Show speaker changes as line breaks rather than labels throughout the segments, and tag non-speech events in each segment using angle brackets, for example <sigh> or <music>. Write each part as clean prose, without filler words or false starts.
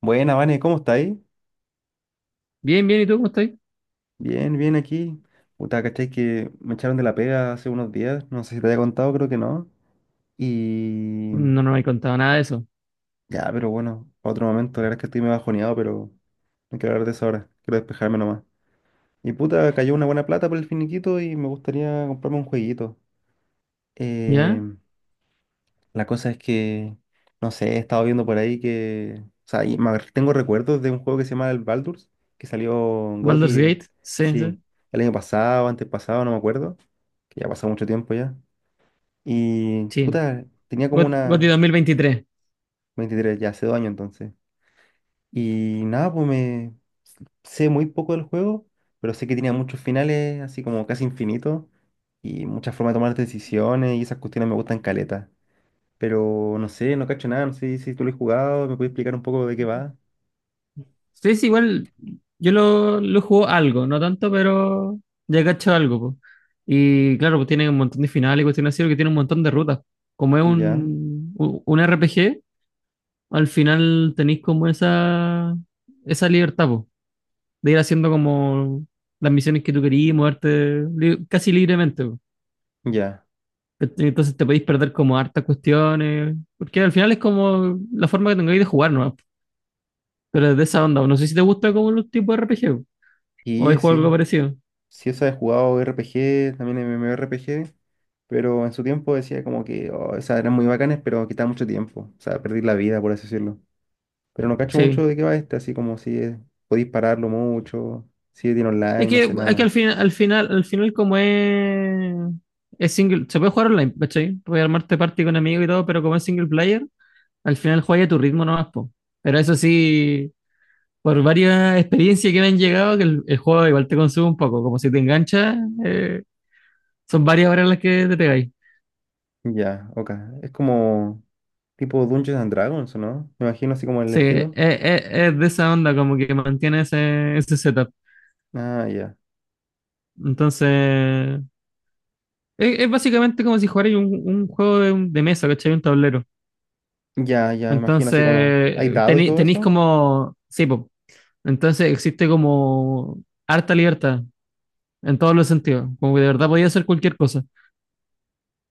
Buena, Vane, ¿cómo estáis?
Bien, bien, ¿y tú cómo estás?
Bien, bien aquí. Puta, ¿cachai? Que me echaron de la pega hace unos días. No sé si te había contado, creo que no. Y
No, no me he contado nada de eso.
ya, pero bueno, pa' otro momento. La verdad es que estoy medio bajoneado, pero no quiero hablar de eso ahora. Quiero despejarme nomás. Y puta, cayó una buena plata por el finiquito y me gustaría comprarme un jueguito. Eh,
¿Ya?
La cosa es que, no sé, he estado viendo por ahí que, o sea, tengo recuerdos de un juego que se llama el Baldur's, que salió en GOTY,
Baldur's Gate, sí,
sí,
sí.
el año pasado, antes pasado, no me acuerdo, que ya pasó mucho tiempo ya. Y,
Sí.
puta, tenía como
GOTY
una
2023.
23 ya hace dos años entonces. Y nada, pues me sé muy poco del juego, pero sé que tenía muchos finales, así como casi infinitos, y muchas formas de tomar decisiones, y esas cuestiones me gustan caleta. Pero no sé, no cacho nada, no sé si tú lo has jugado, me puedes explicar un poco de qué va.
Sí, sí, igual yo lo juego algo, no tanto, pero ya cacho algo, po. Y claro, pues tiene un montón de finales y cuestiones así, porque tiene un montón de rutas. Como es
Ya,
un RPG, al final tenéis como esa libertad, po, de ir haciendo como las misiones que tú querías, moverte casi libremente.
ya.
¿Cachai? Entonces te podéis perder como hartas cuestiones, porque al final es como la forma que tengáis de jugar, ¿no? Pero es de esa onda, no sé si te gusta como los tipos de RPG, o hay
Y
juego
sí,
algo parecido.
sí, esa he jugado RPG, también MMORPG, pero en su tiempo decía como que oh, esas eran muy bacanas, pero quitaba mucho tiempo, o sea, perdí la vida, por así decirlo. Pero no cacho mucho
Sí.
de qué va este, así como si es- podéis pararlo mucho, si tiene
Es
online, no sé
que, es que al
nada.
final como es single, se puede jugar online, ¿cachai? Puedes armarte party con amigos y todo, pero como es single player, al final juegas a tu ritmo nomás, po. Pero eso sí, por varias experiencias que me han llegado, que el juego igual te consume un poco, como si te enganchas, eh, son varias horas las que te pegáis.
Ya, ok. Es como tipo Dungeons and Dragons, ¿o no? Me imagino así como el
Sí, es,
estilo.
es- es de esa onda, como que mantiene ese setup.
Ah, ya.
Entonces, es básicamente como si jugarais un juego de mesa, ¿cachai? Un tablero.
Ya, ya, imagino así como. ¿Hay
Entonces,
dado y todo
tenéis
eso?
como. Sí, po. Entonces, existe como harta libertad en todos los sentidos. Como que de verdad podía hacer cualquier cosa.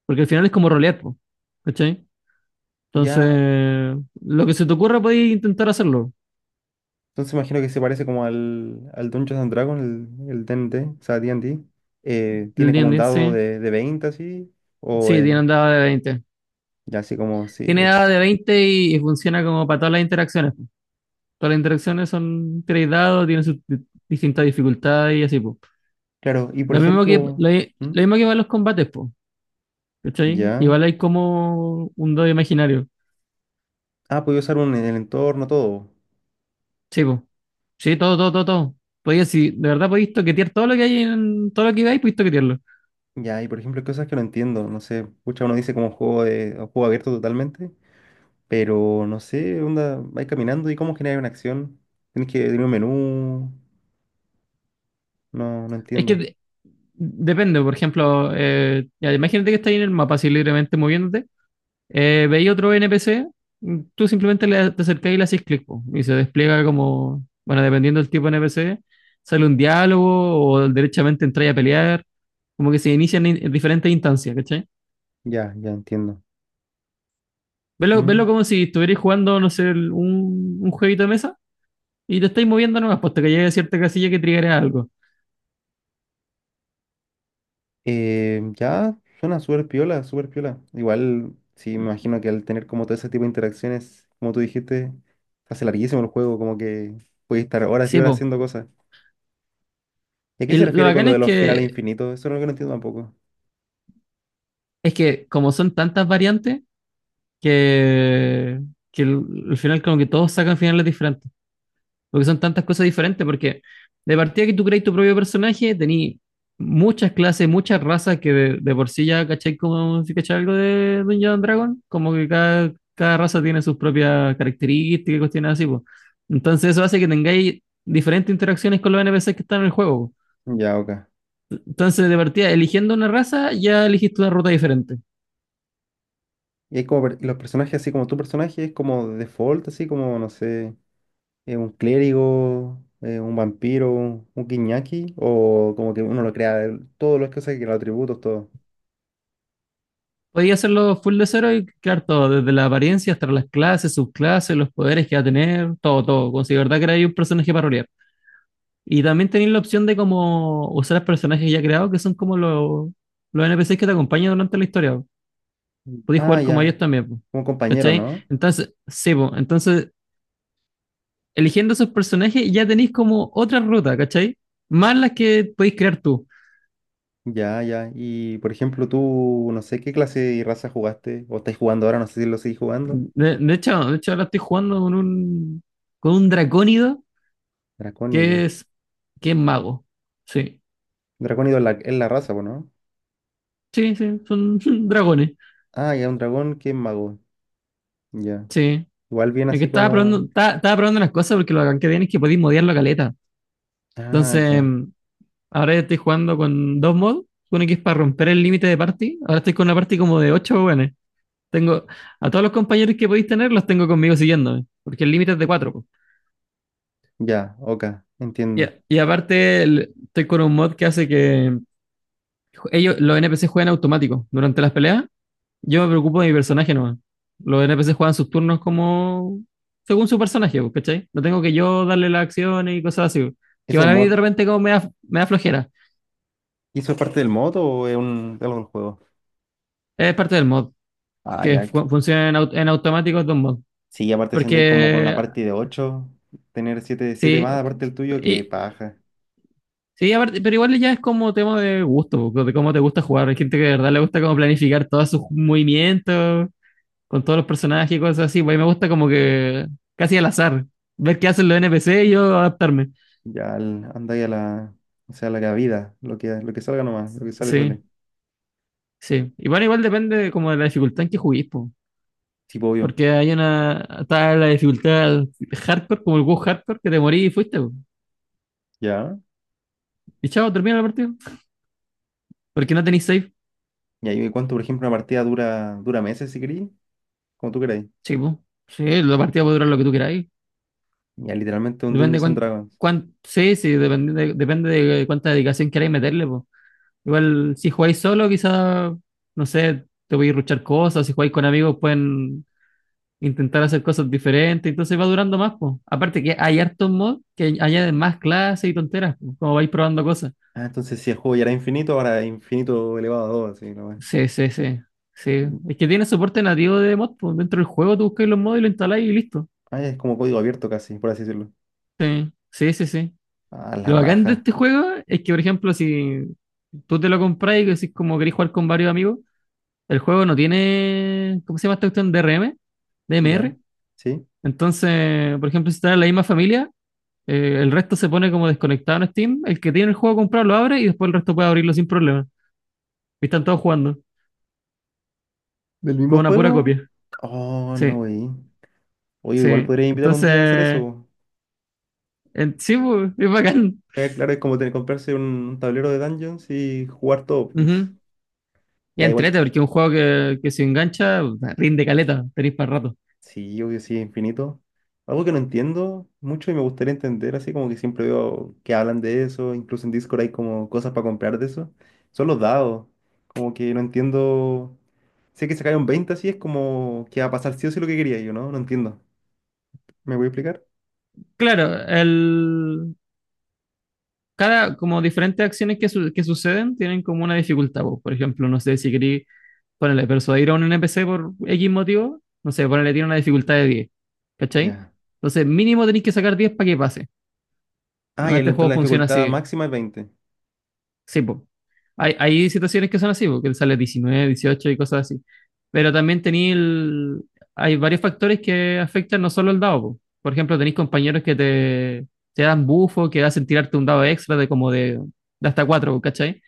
Porque al final es como rolear, po, ¿cachai?
Ya,
Entonces, lo que se te ocurra podéis intentar hacerlo.
entonces imagino que se parece como al Dungeons and Dragons, el D&D, o sea, D&D. Tiene como un
¿Entiendes?
dado
Sí.
de 20 así, o
Sí, Dean andaba de 20.
ya así como, sí.
Tiene dado de 20 y funciona como para todas las interacciones, po. Todas las interacciones son tres dados, tienen sus distintas dificultades y así, po.
Claro, y por
Lo mismo que,
ejemplo,
lo, i-
¿Mm?
lo mismo que para los combates, po. ¿Cachai?
Ya.
Igual hay como un dado imaginario.
Ah, puedo usar un, el entorno, todo.
Sí, po. Sí, todo, todo, todo, todo. Podía, si de verdad podéis toquetear todo lo que hay en todo lo que veis, podéis toquetearlo.
Ya, y por ejemplo, hay cosas que no entiendo, no sé, pucha, uno dice como juego de, o juego abierto totalmente, pero no sé, onda, vais caminando y cómo generar una acción. Tienes que tener un menú, no, no
Es que
entiendo.
depende, por ejemplo, ya, imagínate que estáis en el mapa así libremente moviéndote. Veía otro NPC. Tú simplemente te acercás y le haces clic, po, y se despliega como, bueno, dependiendo del tipo de NPC, sale un diálogo o derechamente entráis a pelear, como que se inician en diferentes instancias, ¿cachai?
Ya, ya entiendo.
Verlo, verlo
¿Mm?
como si estuvierais jugando, no sé, un jueguito de mesa, y te estáis moviendo nomás, pues hasta que llegue a cierta casilla que triggerea algo.
Ya, suena súper piola, súper piola. Igual, sí, me imagino que al tener como todo ese tipo de interacciones, como tú dijiste, se hace larguísimo el juego, como que puedes estar horas y
Sí,
horas
pues.
haciendo cosas. ¿Y a qué
Y
se
lo
refiere con
bacán
lo de
es
los finales
que,
infinitos? Eso es lo que no entiendo tampoco.
es que como son tantas variantes, que, que al final como que todos sacan finales diferentes. Porque son tantas cosas diferentes, porque de partida que tú creas tu propio personaje, tení muchas clases, muchas razas que de por sí ya caché, como si caché algo de Dungeons and Dragon, como que cada raza tiene sus propias características y cuestiones así, pues. Entonces eso hace que tengáis diferentes interacciones con los NPCs que están en el juego, po.
Ya, ok.
Entonces, de partida, eligiendo una raza, ya elegiste una ruta diferente.
Y hay como y los personajes, así como tu personaje, es como de default, así como, no sé, un clérigo, un vampiro, un guiñaki, o como que uno lo crea, todos los cosas que los atributos, todo.
Podías hacerlo full de cero y crear todo, desde la apariencia hasta las clases, subclases, los poderes que va a tener, todo, todo, como si de verdad creáis un personaje para rolear. Y también tenéis la opción de como usar los personajes ya creados, que son como los NPCs que te acompañan durante la historia, po.
Mm.
Podéis
Ah,
jugar como ellos
ya,
también, po,
como compañero,
¿cachai?
¿no?
Entonces, sí, po, entonces, eligiendo esos personajes ya tenéis como otra ruta, ¿cachai? Más las que podéis crear tú.
Ya, ya. Y por ejemplo, tú, no sé qué clase y raza jugaste, o estáis jugando ahora, no sé si lo seguís jugando.
De hecho, ahora estoy jugando con un dracónido que
Dracónido.
es, que es mago. Sí,
Dracónido es la raza, po, ¿no?
sí, sí, son <laughs> dragones.
Ah, ya, un dragón que es mago. Ya.
Sí.
Igual bien
Es que
así
estaba probando,
como.
estaba, estaba probando las cosas porque lo que tiene es que podéis modiar la caleta.
Ah,
Entonces,
ya.
ahora estoy jugando con dos mods. Uno que es para romper el límite de party. Ahora estoy con una party como de ocho buenos. Tengo a todos los compañeros que podéis tener, los tengo conmigo siguiéndome, porque el límite es de cuatro, po.
Ya, ok,
Y, a-
entiendo.
y aparte, el- estoy con un mod que hace que ellos, los NPC juegan automático durante las peleas. Yo me preocupo de mi personaje nomás. Los NPC juegan sus turnos como según su personaje, po, ¿cachai? No tengo que yo darle las acciones y cosas así, po. Que
¿Eso es
van
un
a mí de
mod?
repente como me da flojera.
¿Y eso es parte del mod o es un, algo del juego?
Es parte del mod.
Ah,
Que
ya.
funcionen en automático dos mods.
Sí, aparte si andáis como con una
Porque
party de 8, tener siete, 7
sí,
más aparte del tuyo, que
y-
paja.
sí aparte, pero igual ya es como tema de gusto, de cómo te gusta jugar. Hay gente que de verdad le gusta como planificar todos sus movimientos con todos los personajes y cosas así. Pues a mí me gusta como que casi al azar, ver qué hacen los NPC y yo adaptarme.
Andáis a la. O sea, a la cabida, lo que salga nomás, lo que sale, sale.
Sí, sí. Y bueno, igual depende como de la dificultad en que juguís, po.
Sí, pues, obvio.
Porque hay una, está la dificultad hardcore, como el WoW hardcore, que te morís y fuiste, po.
Ya.
Y chao, termina la partida. Porque no tenéis save.
Y ahí cuánto, por ejemplo, una partida dura, dura meses si queréis, como tú queráis.
Sí, po. Sí, la partida puede durar lo que tú queráis.
Ya literalmente un
Depende
Dungeons and Dragons.
cuánto, sí, sí, depende de cuánta dedicación queráis meterle, po. Igual, si jugáis solo, quizás, no sé, te voy a ruchar cosas, si jugáis con amigos pueden intentar hacer cosas diferentes, entonces va durando más, po. Aparte que hay hartos mods que añaden más clases y tonteras, po, como vais probando cosas.
Ah, entonces si el juego ya era infinito, ahora es infinito elevado a 2, así nomás.
Sí, sí, sí. Sí.
Mm.
Es que tiene soporte nativo de mod, po. Dentro del juego tú buscáis los mods y lo instaláis y listo.
Ah, es como código abierto casi, por así decirlo.
Sí, sí, sí, sí.
Ah, la
Lo bacán de
raja.
este juego es que, por ejemplo, si tú te lo compras y decís como querés jugar con varios amigos, el juego no tiene, ¿cómo se llama esta cuestión? DRM,
Ya.
DMR.
¿Sí?
Entonces, por ejemplo, si estás en la misma familia, el resto se pone como desconectado en Steam. El que tiene el juego comprado lo abre y después el resto puede abrirlo sin problema. Y están todos jugando
¿Del
con
mismo
una pura
juego?
copia.
Oh, no,
Sí,
güey. Oye, igual
sí.
podría invitar un día a hacer
Entonces,
eso.
sí, pues, es bacán.
Claro, es como tener comprarse un tablero de Dungeons y jugar todo.
Ujú.
<laughs>
Y
Ya igual
entrete, porque es un juego que se engancha, rinde caleta, tenéis para rato.
sí, obvio, sí, infinito. Algo que no entiendo mucho y me gustaría entender, así como que siempre veo que hablan de eso, incluso en Discord hay como cosas para comprar de eso, son los dados. Como que no entiendo. Sé que se cae un 20 así, es como que va a pasar sí o sí lo que quería yo, ¿no? No entiendo. ¿Me voy a explicar?
Claro, como diferentes acciones que suceden tienen como una dificultad, po. Por ejemplo, no sé si queréis ponerle persuadir a un NPC por X motivo, no sé, ponerle tiene una dificultad de 10, ¿cachai?
Ya.
Entonces, mínimo tenéis que sacar 10 para que pase.
Ah,
Bueno,
y
este
la
juego
la
funciona
dificultad
así.
máxima es veinte.
Sí, po. Hay situaciones que son así, porque él sale 19, 18 y cosas así. Pero también tenéis el... hay varios factores que afectan no solo el dado, po. Por ejemplo, tenéis compañeros que te dan bufo, que hacen tirarte un dado extra de como de hasta 4, ¿cachai?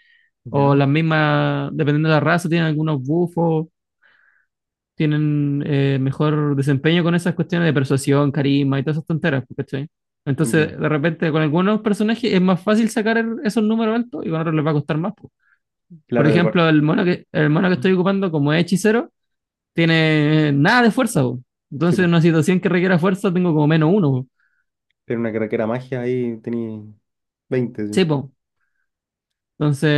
O
Ya,
las mismas, dependiendo de la raza, tienen algunos bufos, tienen mejor desempeño con esas cuestiones de persuasión, carisma y todas esas tonteras, po, ¿cachai?
ya.
Entonces, de repente, con algunos personajes es más fácil sacar esos números altos y con otros les va a costar más, po. Por
Claro, de par-.
ejemplo, el mono que
Mm.
estoy ocupando como es hechicero, tiene nada de fuerza, po.
Sí,
Entonces,
pues.
en una situación que requiera fuerza, tengo como menos uno, po.
Pero una carrera magia ahí tenía 20 sí.
Sí, po. Entonces,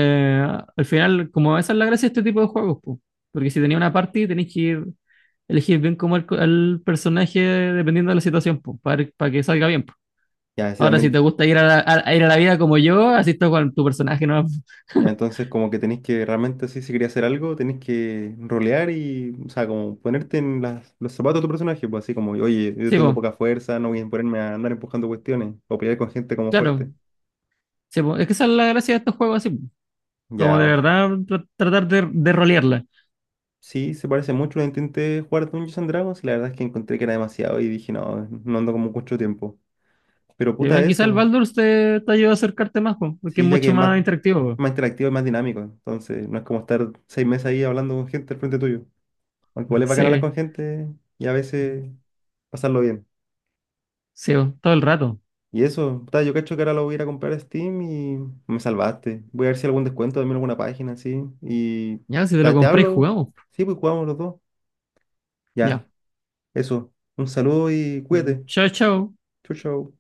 al final, como esa es la gracia de este tipo de juegos, po. Porque si tenía una party, tenéis que ir, elegir bien como el personaje dependiendo de la situación, po, para que salga bien, po.
Ya, sí,
Ahora, si
también.
te gusta ir a la, a ir a la vida como yo, así está con tu personaje, ¿no? <laughs>
Entonces, como que tenéis que realmente, así, si quería hacer algo, tenéis que rolear y, o sea, como ponerte en los zapatos de tu personaje, pues así como, oye, yo
Sí,
tengo
po.
poca fuerza, no voy a ponerme a andar empujando cuestiones o pelear con gente como
Claro.
fuerte.
Sí, po. Es que esa es la gracia de estos juegos así, po. Como
Ya,
de
o-
verdad tratar de rolearla.
sí, se parece mucho. Lo intenté jugar Dungeons and Dragons y la verdad es que encontré que era demasiado y dije, no, no ando como mucho tiempo. Pero
Y
puta
bueno, quizá el
eso,
Baldur's te ayuda a acercarte más, po, porque es
sí, ya que
mucho
es más,
más interactivo,
más interactivo y más dinámico, entonces no es como estar 6 meses ahí hablando con gente al frente tuyo. Aunque
po.
igual es bacán hablar
Sí,
con gente y a veces pasarlo bien.
sí, po, todo el rato.
Y eso, puta, yo cacho que ahora lo voy a ir a comprar a Steam y me salvaste. Voy a ver si hay algún descuento, también alguna página, sí. Y
Ya, si te lo
te,
compré,
hablo.
jugamos, po.
Sí, pues jugamos los dos. Ya,
Ya.
eso. Un saludo y cuídate.
Chao, chao.
Chau, chau.